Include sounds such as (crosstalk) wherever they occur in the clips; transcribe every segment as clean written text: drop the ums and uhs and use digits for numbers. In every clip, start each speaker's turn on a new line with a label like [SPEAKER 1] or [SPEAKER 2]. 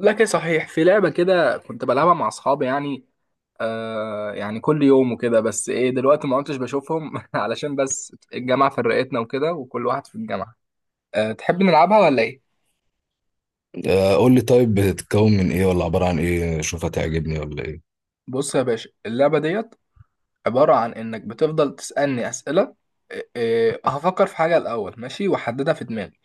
[SPEAKER 1] لكن صحيح، في لعبة كده كنت بلعبها مع أصحابي، يعني كل يوم وكده، بس إيه دلوقتي ما كنتش بشوفهم (laughs) علشان بس الجامعة فرقتنا وكده، وكل واحد في الجامعة. آه، تحب نلعبها ولا إيه؟
[SPEAKER 2] آه، قول لي طيب بتتكون من ايه ولا عبارة عن ايه؟ شوف هتعجبني ولا ايه.
[SPEAKER 1] بص يا باشا، اللعبة ديت عبارة عن إنك بتفضل تسألني أسئلة. آه، آه، هفكر في حاجة الأول، ماشي، وأحددها في دماغي.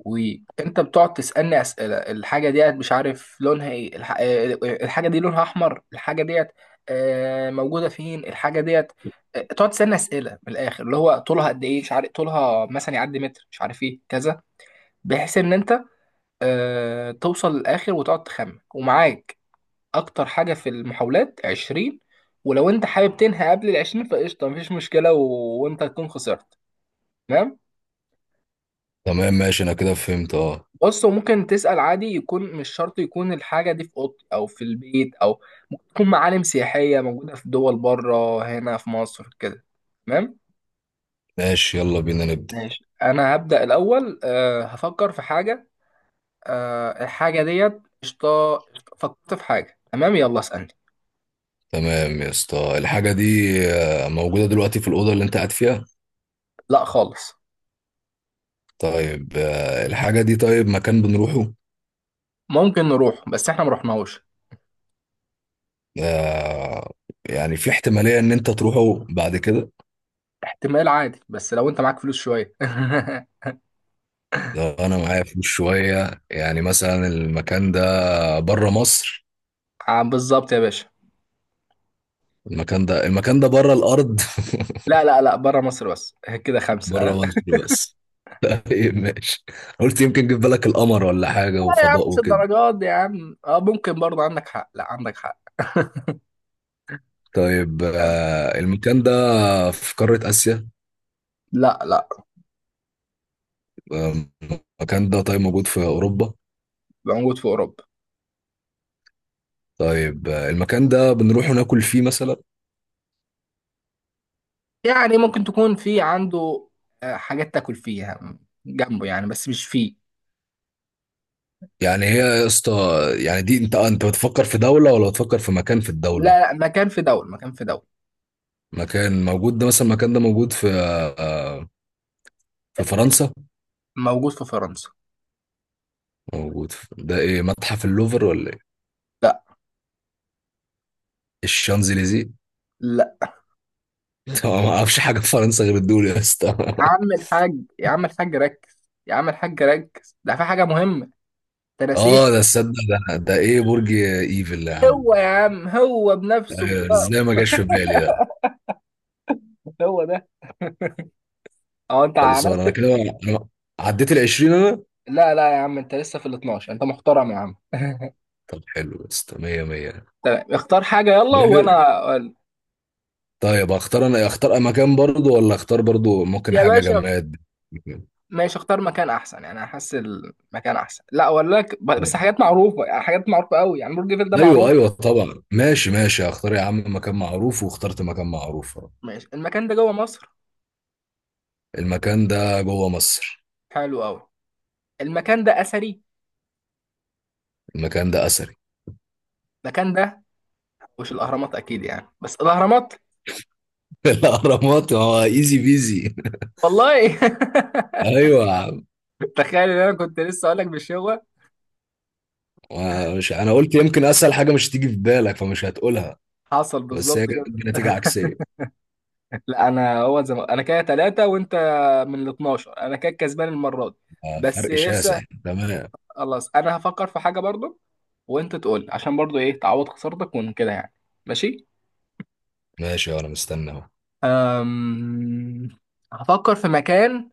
[SPEAKER 1] وانت بتقعد تسالني اسئله، الحاجه ديت مش عارف لونها ايه، الحاجه دي لونها احمر. الحاجه ديت موجوده فين؟ الحاجه ديت تقعد تسالني اسئله من الاخر، اللي هو طولها قد ايه، مش عارف طولها مثلا يعدي متر، مش عارف ايه كذا. بحيث ان انت توصل للاخر وتقعد تخمن، ومعاك اكتر حاجه في المحاولات 20. ولو انت حابب تنهي قبل ال 20 فقشطه، مفيش مشكله وانت تكون خسرت. تمام.
[SPEAKER 2] تمام ماشي انا كده فهمت اه.
[SPEAKER 1] بص، هو ممكن تسأل عادي، يكون مش شرط يكون الحاجة دي في أوضتي أو في البيت، أو ممكن تكون معالم سياحية موجودة في دول بره، هنا في مصر كده. تمام.
[SPEAKER 2] ماشي يلا بينا نبدأ.
[SPEAKER 1] ماشي، أنا هبدأ الأول. هفكر في حاجة. الحاجة ديت قشطة قشطة. فكرت في حاجة. تمام، يلا اسألني.
[SPEAKER 2] تمام يا اسطى، الحاجة دي موجودة دلوقتي في الأوضة اللي انت قاعد فيها؟
[SPEAKER 1] لا خالص.
[SPEAKER 2] طيب الحاجة دي طيب مكان بنروحه؟
[SPEAKER 1] ممكن نروح، بس احنا مروحناهوش.
[SPEAKER 2] آه، يعني في احتمالية ان انت تروحه بعد كده؟
[SPEAKER 1] احتمال عادي، بس لو انت معاك فلوس شوية. (laughs)
[SPEAKER 2] لو انا معايا فلوس شوية، يعني مثلا المكان ده بره مصر؟
[SPEAKER 1] آه، بالظبط يا باشا.
[SPEAKER 2] المكان ده بره الأرض؟
[SPEAKER 1] لا، لا، لا، بره مصر بس. (laughs) كده
[SPEAKER 2] (laughs) بره
[SPEAKER 1] 5.
[SPEAKER 2] مصر بس. طيب ماشي، قلت يمكن جه في بالك القمر ولا حاجة
[SPEAKER 1] لا يا عم،
[SPEAKER 2] وفضاء
[SPEAKER 1] مش
[SPEAKER 2] وكده.
[SPEAKER 1] الدرجات دي يا عم. اه، ممكن برضه عندك حق، لا عندك حق. (laughs)
[SPEAKER 2] طيب
[SPEAKER 1] يعني.
[SPEAKER 2] المكان ده في قارة آسيا؟
[SPEAKER 1] لا، لا.
[SPEAKER 2] آه، المكان ده طيب موجود في أوروبا؟
[SPEAKER 1] موجود في اوروبا.
[SPEAKER 2] طيب المكان ده بنروح ناكل فيه مثلا؟
[SPEAKER 1] يعني ممكن تكون في عنده حاجات تاكل فيها جنبه، يعني بس مش فيه.
[SPEAKER 2] يعني هي يا اسطى، يعني دي انت انت بتفكر في دولة ولا بتفكر في مكان في الدولة؟
[SPEAKER 1] لا، لا، مكان في دولة، مكان في دولة.
[SPEAKER 2] مكان موجود ده، مثلا المكان ده موجود في آه، في فرنسا؟
[SPEAKER 1] موجود في فرنسا.
[SPEAKER 2] موجود في، ده ايه؟ متحف اللوفر ولا ايه؟
[SPEAKER 1] لا.
[SPEAKER 2] الشانزليزيه؟
[SPEAKER 1] لا.
[SPEAKER 2] (laughs) طبعا ما اعرفش حاجة في فرنسا غير الدول يا اسطى.
[SPEAKER 1] يا عم الحاج، يا عم الحاج ركز، يا عم الحاج ركز، ده في حاجة مهمة تنسيه.
[SPEAKER 2] اه ده، تصدق؟ ده ايه؟ برج ايفل يا عم.
[SPEAKER 1] هو يا عم، هو بنفسه
[SPEAKER 2] آه،
[SPEAKER 1] بخلقه.
[SPEAKER 2] ازاي ما جاش في بالي ده؟
[SPEAKER 1] هو ده. (laughs) هو انت
[SPEAKER 2] خلصان انا
[SPEAKER 1] عملت.
[SPEAKER 2] كده. أنا عديت ال 20 انا.
[SPEAKER 1] لا، لا يا عم، انت لسه في ال 12. انت محترم يا عم. (laughs)
[SPEAKER 2] طب حلو، بس 100 100 طب.
[SPEAKER 1] تمام، اختار حاجة يلا،
[SPEAKER 2] حلو.
[SPEAKER 1] وأنا أقول.
[SPEAKER 2] طيب اختار انا، اختار مكان برضو ولا اختار برضو ممكن
[SPEAKER 1] يا
[SPEAKER 2] حاجه
[SPEAKER 1] باشا.
[SPEAKER 2] جماد؟
[SPEAKER 1] ماشي، اختار مكان أحسن، يعني أحس المكان أحسن، لا أقول لك بس
[SPEAKER 2] طيب.
[SPEAKER 1] حاجات معروفة، يعني حاجات معروفة أوي، يعني برج إيفل ده
[SPEAKER 2] ايوه
[SPEAKER 1] معروف.
[SPEAKER 2] ايوه طبعا، ماشي ماشي، اختار يا عم مكان معروف. واخترت مكان معروف أهو.
[SPEAKER 1] ماشي، المكان ده جوه مصر.
[SPEAKER 2] المكان ده جوه مصر.
[SPEAKER 1] حلو أوي. المكان ده أثري.
[SPEAKER 2] المكان ده اثري.
[SPEAKER 1] المكان ده مش الأهرامات أكيد يعني، بس الأهرامات.
[SPEAKER 2] (laughs) الاهرامات هو، ايزي بيزي.
[SPEAKER 1] والله.
[SPEAKER 2] (laughs) ايوه.
[SPEAKER 1] (laughs) تخيل إن أنا كنت لسه أقول لك بالشغل.
[SPEAKER 2] مش انا قلت يمكن اسهل حاجه مش تيجي في بالك فمش هتقولها؟
[SPEAKER 1] حصل
[SPEAKER 2] بس
[SPEAKER 1] بالظبط
[SPEAKER 2] هي جت
[SPEAKER 1] كده.
[SPEAKER 2] بنتيجه
[SPEAKER 1] (laughs)
[SPEAKER 2] عكسيه.
[SPEAKER 1] لا، أنا كده 3 وأنت، من ال 12 أنا كده كسبان المرة دي.
[SPEAKER 2] آه،
[SPEAKER 1] بس
[SPEAKER 2] فرق
[SPEAKER 1] لسه.
[SPEAKER 2] شاسع تمام.
[SPEAKER 1] خلاص، انا هفكر في حاجه برضو. وانت تقول عشان برضو ايه، تعوض خسارتك وكده يعني. ماشي.
[SPEAKER 2] ماشي، وانا مستني اهو.
[SPEAKER 1] أم... هفكر في مكان.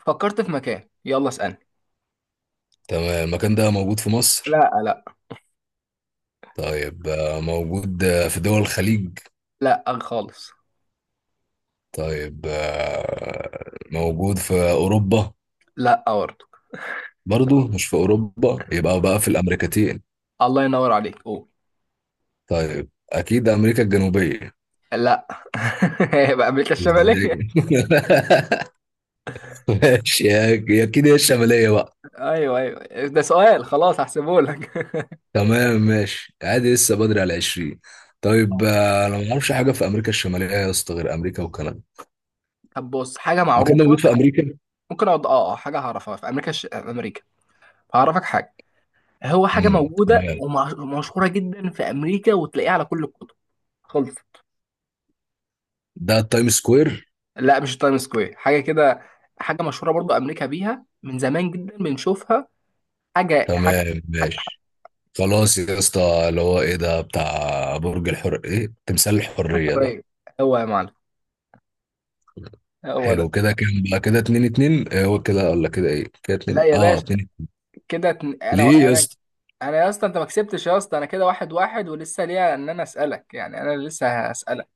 [SPEAKER 1] فكرت في مكان، يلا اسألني.
[SPEAKER 2] تمام، المكان ده موجود في مصر؟
[SPEAKER 1] لا، لا.
[SPEAKER 2] طيب موجود في دول الخليج؟
[SPEAKER 1] لا خالص.
[SPEAKER 2] طيب موجود في اوروبا؟
[SPEAKER 1] لا برضو.
[SPEAKER 2] برضو مش في اوروبا؟ يبقى بقى في الامريكتين.
[SPEAKER 1] الله ينور عليك، قول.
[SPEAKER 2] طيب اكيد امريكا الجنوبيه.
[SPEAKER 1] لا. (laughs) يبقى امريكا
[SPEAKER 2] ازاي؟
[SPEAKER 1] الشماليه.
[SPEAKER 2] (laughs) ماشي اكيد هي الشماليه بقى.
[SPEAKER 1] ايوه، ايوه، ده سؤال. خلاص، هحسبه لك.
[SPEAKER 2] تمام ماشي، عادي لسه بدري على 20. طيب
[SPEAKER 1] (laughs)
[SPEAKER 2] انا ما اعرفش حاجه في امريكا الشماليه يا اسطى غير امريكا وكندا.
[SPEAKER 1] طب بص، حاجه
[SPEAKER 2] مكان ده
[SPEAKER 1] معروفه.
[SPEAKER 2] موجود في امريكا.
[SPEAKER 1] ممكن اقعد حاجه هعرفها في امريكا في امريكا. هعرفك حاجه. هو حاجه موجوده
[SPEAKER 2] تمام.
[SPEAKER 1] ومشهوره جدا في امريكا، وتلاقيها على كل الكتب. خلص.
[SPEAKER 2] ده التايم سكوير؟
[SPEAKER 1] لا، مش تايم سكوير، حاجه كده. حاجه مشهوره برضو، امريكا بيها من زمان جدا، بنشوفها. حاجه، حاجه.
[SPEAKER 2] تمام ماشي. خلاص يا اسطى، اللي هو ايه ده، بتاع برج الحر، ايه؟ تمثال الحريه ده؟
[SPEAKER 1] قريب. هو يا معلم. هو ده.
[SPEAKER 2] حلو. كده كام بقى؟ كده اتنين اتنين. إيه، هو كده ولا كده؟ ايه كده؟
[SPEAKER 1] لا
[SPEAKER 2] اتنين
[SPEAKER 1] يا
[SPEAKER 2] اه
[SPEAKER 1] باشا،
[SPEAKER 2] اتنين.
[SPEAKER 1] كده
[SPEAKER 2] ليه
[SPEAKER 1] انا
[SPEAKER 2] يا
[SPEAKER 1] انا
[SPEAKER 2] اسطى؟
[SPEAKER 1] انا يا اسطى، انت ما كسبتش يا اسطى، انا كده 1-1 ولسه ليا ان انا اسالك يعني، انا لسه هسالك.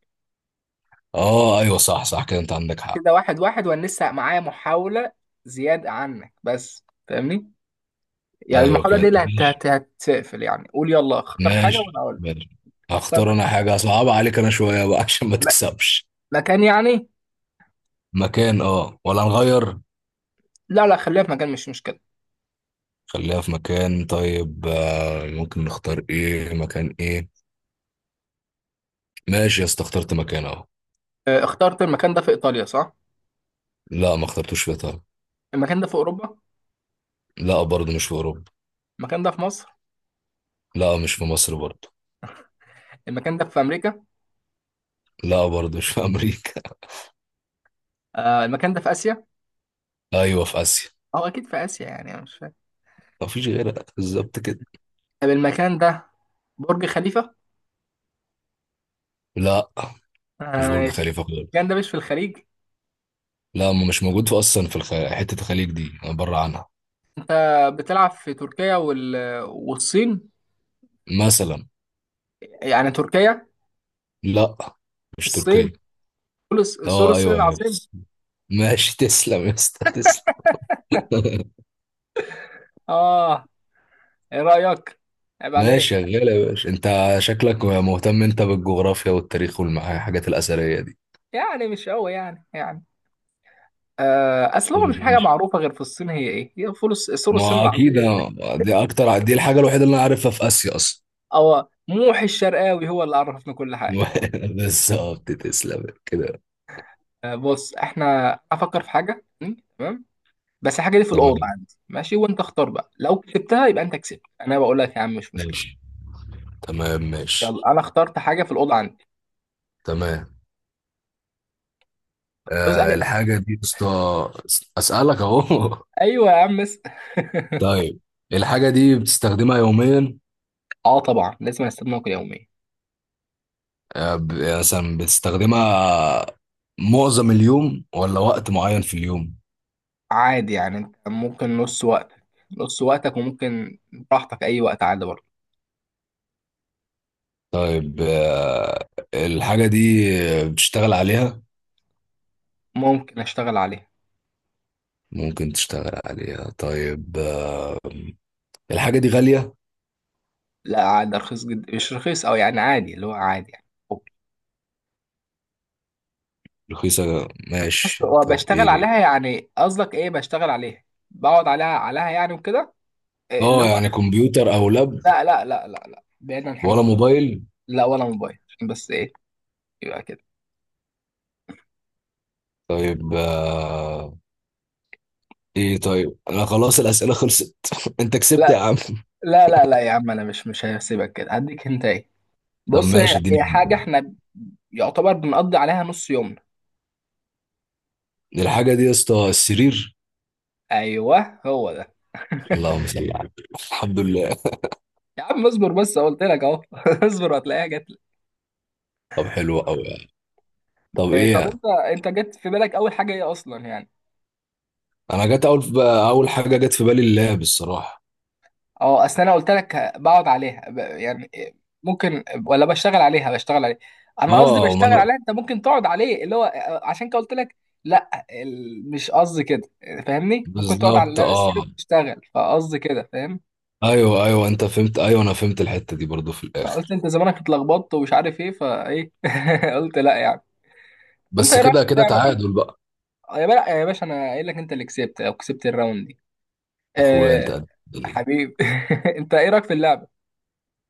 [SPEAKER 2] اه ايوه صح صح، كده انت عندك حق.
[SPEAKER 1] كده واحد واحد، وانا لسه معايا محاوله زياده عنك، بس فاهمني. يعني
[SPEAKER 2] ايوه
[SPEAKER 1] المحاوله دي
[SPEAKER 2] كده.
[SPEAKER 1] اللي هتقفل يعني، قول يلا، اختار حاجه وانا
[SPEAKER 2] ماشي
[SPEAKER 1] اقول لك.
[SPEAKER 2] ماشي.
[SPEAKER 1] هتختار
[SPEAKER 2] هختار انا حاجة صعبة عليك انا شوية بقى (laughs) عشان ما
[SPEAKER 1] م-
[SPEAKER 2] تكسبش.
[SPEAKER 1] مكان يعني؟
[SPEAKER 2] مكان اه، ولا نغير؟
[SPEAKER 1] لا، لا، خليها في مكان، مش مشكله.
[SPEAKER 2] خليها في مكان. طيب ممكن نختار ايه؟ مكان ايه؟ ماشي يا اسطى، اخترت مكان اهو.
[SPEAKER 1] آه، اخترت المكان ده في إيطاليا، صح؟
[SPEAKER 2] لا ما اخترتوش في ايطاليا.
[SPEAKER 1] المكان ده في أوروبا؟
[SPEAKER 2] لا برضه مش في اوروبا.
[SPEAKER 1] المكان ده في مصر؟
[SPEAKER 2] لا مش في مصر برضه.
[SPEAKER 1] المكان ده في أمريكا؟
[SPEAKER 2] لا برضه مش في امريكا.
[SPEAKER 1] آه، المكان ده في آسيا؟
[SPEAKER 2] (laughs) ايوه في اسيا.
[SPEAKER 1] أو أكيد في آسيا يعني، أنا مش فاهم.
[SPEAKER 2] ما فيش غيرها بالظبط كده.
[SPEAKER 1] طب المكان ده برج خليفة؟
[SPEAKER 2] لا
[SPEAKER 1] آه،
[SPEAKER 2] مش برج
[SPEAKER 1] ماشي.
[SPEAKER 2] خليفة
[SPEAKER 1] المكان ده
[SPEAKER 2] خالص.
[SPEAKER 1] مش في الخليج؟
[SPEAKER 2] لا، ما مش موجود في اصلا في حتة الخليج دي انا بره عنها.
[SPEAKER 1] أنت بتلعب في تركيا والصين؟
[SPEAKER 2] مثلا.
[SPEAKER 1] يعني تركيا؟
[SPEAKER 2] لا مش
[SPEAKER 1] الصين؟
[SPEAKER 2] تركيا.
[SPEAKER 1] سور
[SPEAKER 2] اه
[SPEAKER 1] الصين
[SPEAKER 2] ايوه يا،
[SPEAKER 1] العظيم؟
[SPEAKER 2] بس ماشي تسلم يا اسطى تسلم. (laughs)
[SPEAKER 1] آه. إيه رأيك؟ عيب
[SPEAKER 2] ماشي
[SPEAKER 1] عليك.
[SPEAKER 2] شغال يا باشا انت، شكلك مهتم انت بالجغرافيا والتاريخ والحاجات الاثريه دي.
[SPEAKER 1] يعني مش قوي يعني. أصل
[SPEAKER 2] طب
[SPEAKER 1] هو مش حاجة
[SPEAKER 2] ماشي،
[SPEAKER 1] معروفة غير في الصين. هي إيه؟ هي سور الصين
[SPEAKER 2] ما
[SPEAKER 1] العظيم.
[SPEAKER 2] اكيد دي اكتر، دي الحاجه الوحيده اللي انا عارفها في اسيا اصلا.
[SPEAKER 1] هو موحي الشرقاوي هو اللي عرفنا كل حاجة.
[SPEAKER 2] (laughs) بالظبط تسلم كده.
[SPEAKER 1] آه، بص، احنا افكر في حاجة تمام. بس الحاجة دي في الأوضة
[SPEAKER 2] تمام
[SPEAKER 1] عندي، ماشي؟ وانت اختار بقى، لو كسبتها يبقى انت كسبت، انا بقول لك يا عم، مش مشكلة.
[SPEAKER 2] ماشي. تمام ماشي.
[SPEAKER 1] يلا، انا اخترت حاجة في الأوضة عندي.
[SPEAKER 2] تمام.
[SPEAKER 1] اسأل
[SPEAKER 2] آه
[SPEAKER 1] يا-
[SPEAKER 2] الحاجه دي يا اسطى، اسالك اهو.
[SPEAKER 1] ايوه يا عم، اسأل.
[SPEAKER 2] (laughs)
[SPEAKER 1] (laughs)
[SPEAKER 2] طيب، الحاجه دي بتستخدمها يوميا؟
[SPEAKER 1] اه، طبعا لازم استخدمك يوميا.
[SPEAKER 2] آه، يعني مثلا بتستخدمها معظم اليوم ولا وقت معين في اليوم؟
[SPEAKER 1] عادي يعني، انت ممكن نص وقتك وممكن، براحتك اي وقت، عادي برضه.
[SPEAKER 2] طيب الحاجة دي بتشتغل عليها؟
[SPEAKER 1] ممكن اشتغل عليه.
[SPEAKER 2] ممكن تشتغل عليها. طيب الحاجة دي غالية؟
[SPEAKER 1] لا، عادي رخيص جدا، مش رخيص او يعني عادي، اللي هو عادي يعني.
[SPEAKER 2] رخيصة
[SPEAKER 1] بس،
[SPEAKER 2] ماشي، طب
[SPEAKER 1] وبشتغل
[SPEAKER 2] ايه؟
[SPEAKER 1] عليها يعني، قصدك ايه بشتغل عليها؟ بقعد عليها يعني وكده. إيه اللي
[SPEAKER 2] اه
[SPEAKER 1] هو.
[SPEAKER 2] يعني كمبيوتر او لاب؟
[SPEAKER 1] لا، لا، لا، لا، لا، بعيد عن الحاجات
[SPEAKER 2] ولا
[SPEAKER 1] دي.
[SPEAKER 2] موبايل؟
[SPEAKER 1] لا، ولا موبايل، عشان بس ايه، يبقى كده.
[SPEAKER 2] طيب ايه طيب، انا خلاص الأسئلة خلصت. (laughs) انت كسبت يا
[SPEAKER 1] لا،
[SPEAKER 2] عم.
[SPEAKER 1] لا، لا، لا يا عم، انا مش هسيبك كده، هديك انت ايه.
[SPEAKER 2] طب
[SPEAKER 1] بص، هي
[SPEAKER 2] ماشي اديني
[SPEAKER 1] هي حاجه
[SPEAKER 2] هنت.
[SPEAKER 1] احنا يعتبر بنقضي عليها نص يومنا.
[SPEAKER 2] الحاجة دي يا اسطى السرير.
[SPEAKER 1] ايوه، هو ده.
[SPEAKER 2] اللهم صل على النبي. الحمد لله.
[SPEAKER 1] يا عم اصبر، بس قلت لك اهو. (laughs) اصبر، هتلاقيها جت لك.
[SPEAKER 2] طب حلو قوي يعني. طب
[SPEAKER 1] إيه طب
[SPEAKER 2] ايه؟
[SPEAKER 1] انت جت في بالك اول حاجه ايه اصلا يعني؟
[SPEAKER 2] انا جت اول بقى، اول حاجه جت في بالي اللاب الصراحه.
[SPEAKER 1] اه، اصل انا قلت لك بقعد عليها يعني، ممكن، ولا بشتغل عليها بشتغل عليها. انا قصدي
[SPEAKER 2] اه، وما
[SPEAKER 1] بشتغل
[SPEAKER 2] انا
[SPEAKER 1] عليها، انت ممكن تقعد عليه اللي هو، عشان كده قلت لك. لا، مش قصدي كده. فاهمني، ممكن تقعد
[SPEAKER 2] بالظبط
[SPEAKER 1] على السرير
[SPEAKER 2] اه.
[SPEAKER 1] وتشتغل، فقصدي كده، فاهم.
[SPEAKER 2] ايوه ايوه انت فهمت، ايوه انا فهمت الحته دي برضو في
[SPEAKER 1] فقلت
[SPEAKER 2] الاخر.
[SPEAKER 1] انت زمانك اتلخبطت ومش عارف ايه فايه. (laughs) قلت لا يعني. انت
[SPEAKER 2] بس
[SPEAKER 1] ايه رايك في
[SPEAKER 2] كده كده،
[SPEAKER 1] اللعبه دي؟
[SPEAKER 2] تعادل بقى.
[SPEAKER 1] آه، يا بلا يا باشا، انا قايل لك انت اللي كسبت، او كسبت الراوند دي.
[SPEAKER 2] اخويا انت
[SPEAKER 1] أه.
[SPEAKER 2] قد الدنيا.
[SPEAKER 1] حبيبي. (laughs) انت ايه رايك في اللعبه؟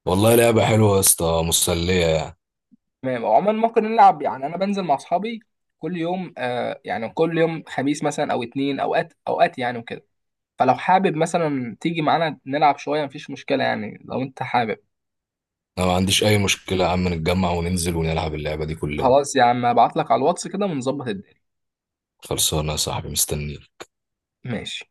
[SPEAKER 2] والله لعبه حلوه يا اسطى، مسليه يعني.
[SPEAKER 1] تمام، وعموما ممكن نلعب يعني، انا بنزل مع اصحابي كل يوم، يعني كل يوم خميس مثلا او اتنين، اوقات اوقات يعني وكده. فلو حابب مثلا تيجي معانا نلعب شويه، مفيش مشكله يعني، لو انت حابب.
[SPEAKER 2] انا ما عنديش اي مشكله يا عم، نتجمع وننزل ونلعب اللعبه دي كلنا.
[SPEAKER 1] خلاص يا عم، هبعت لك على الواتس كده ونظبط الدنيا.
[SPEAKER 2] خلصانه يا صاحبي، مستني.
[SPEAKER 1] ماشي.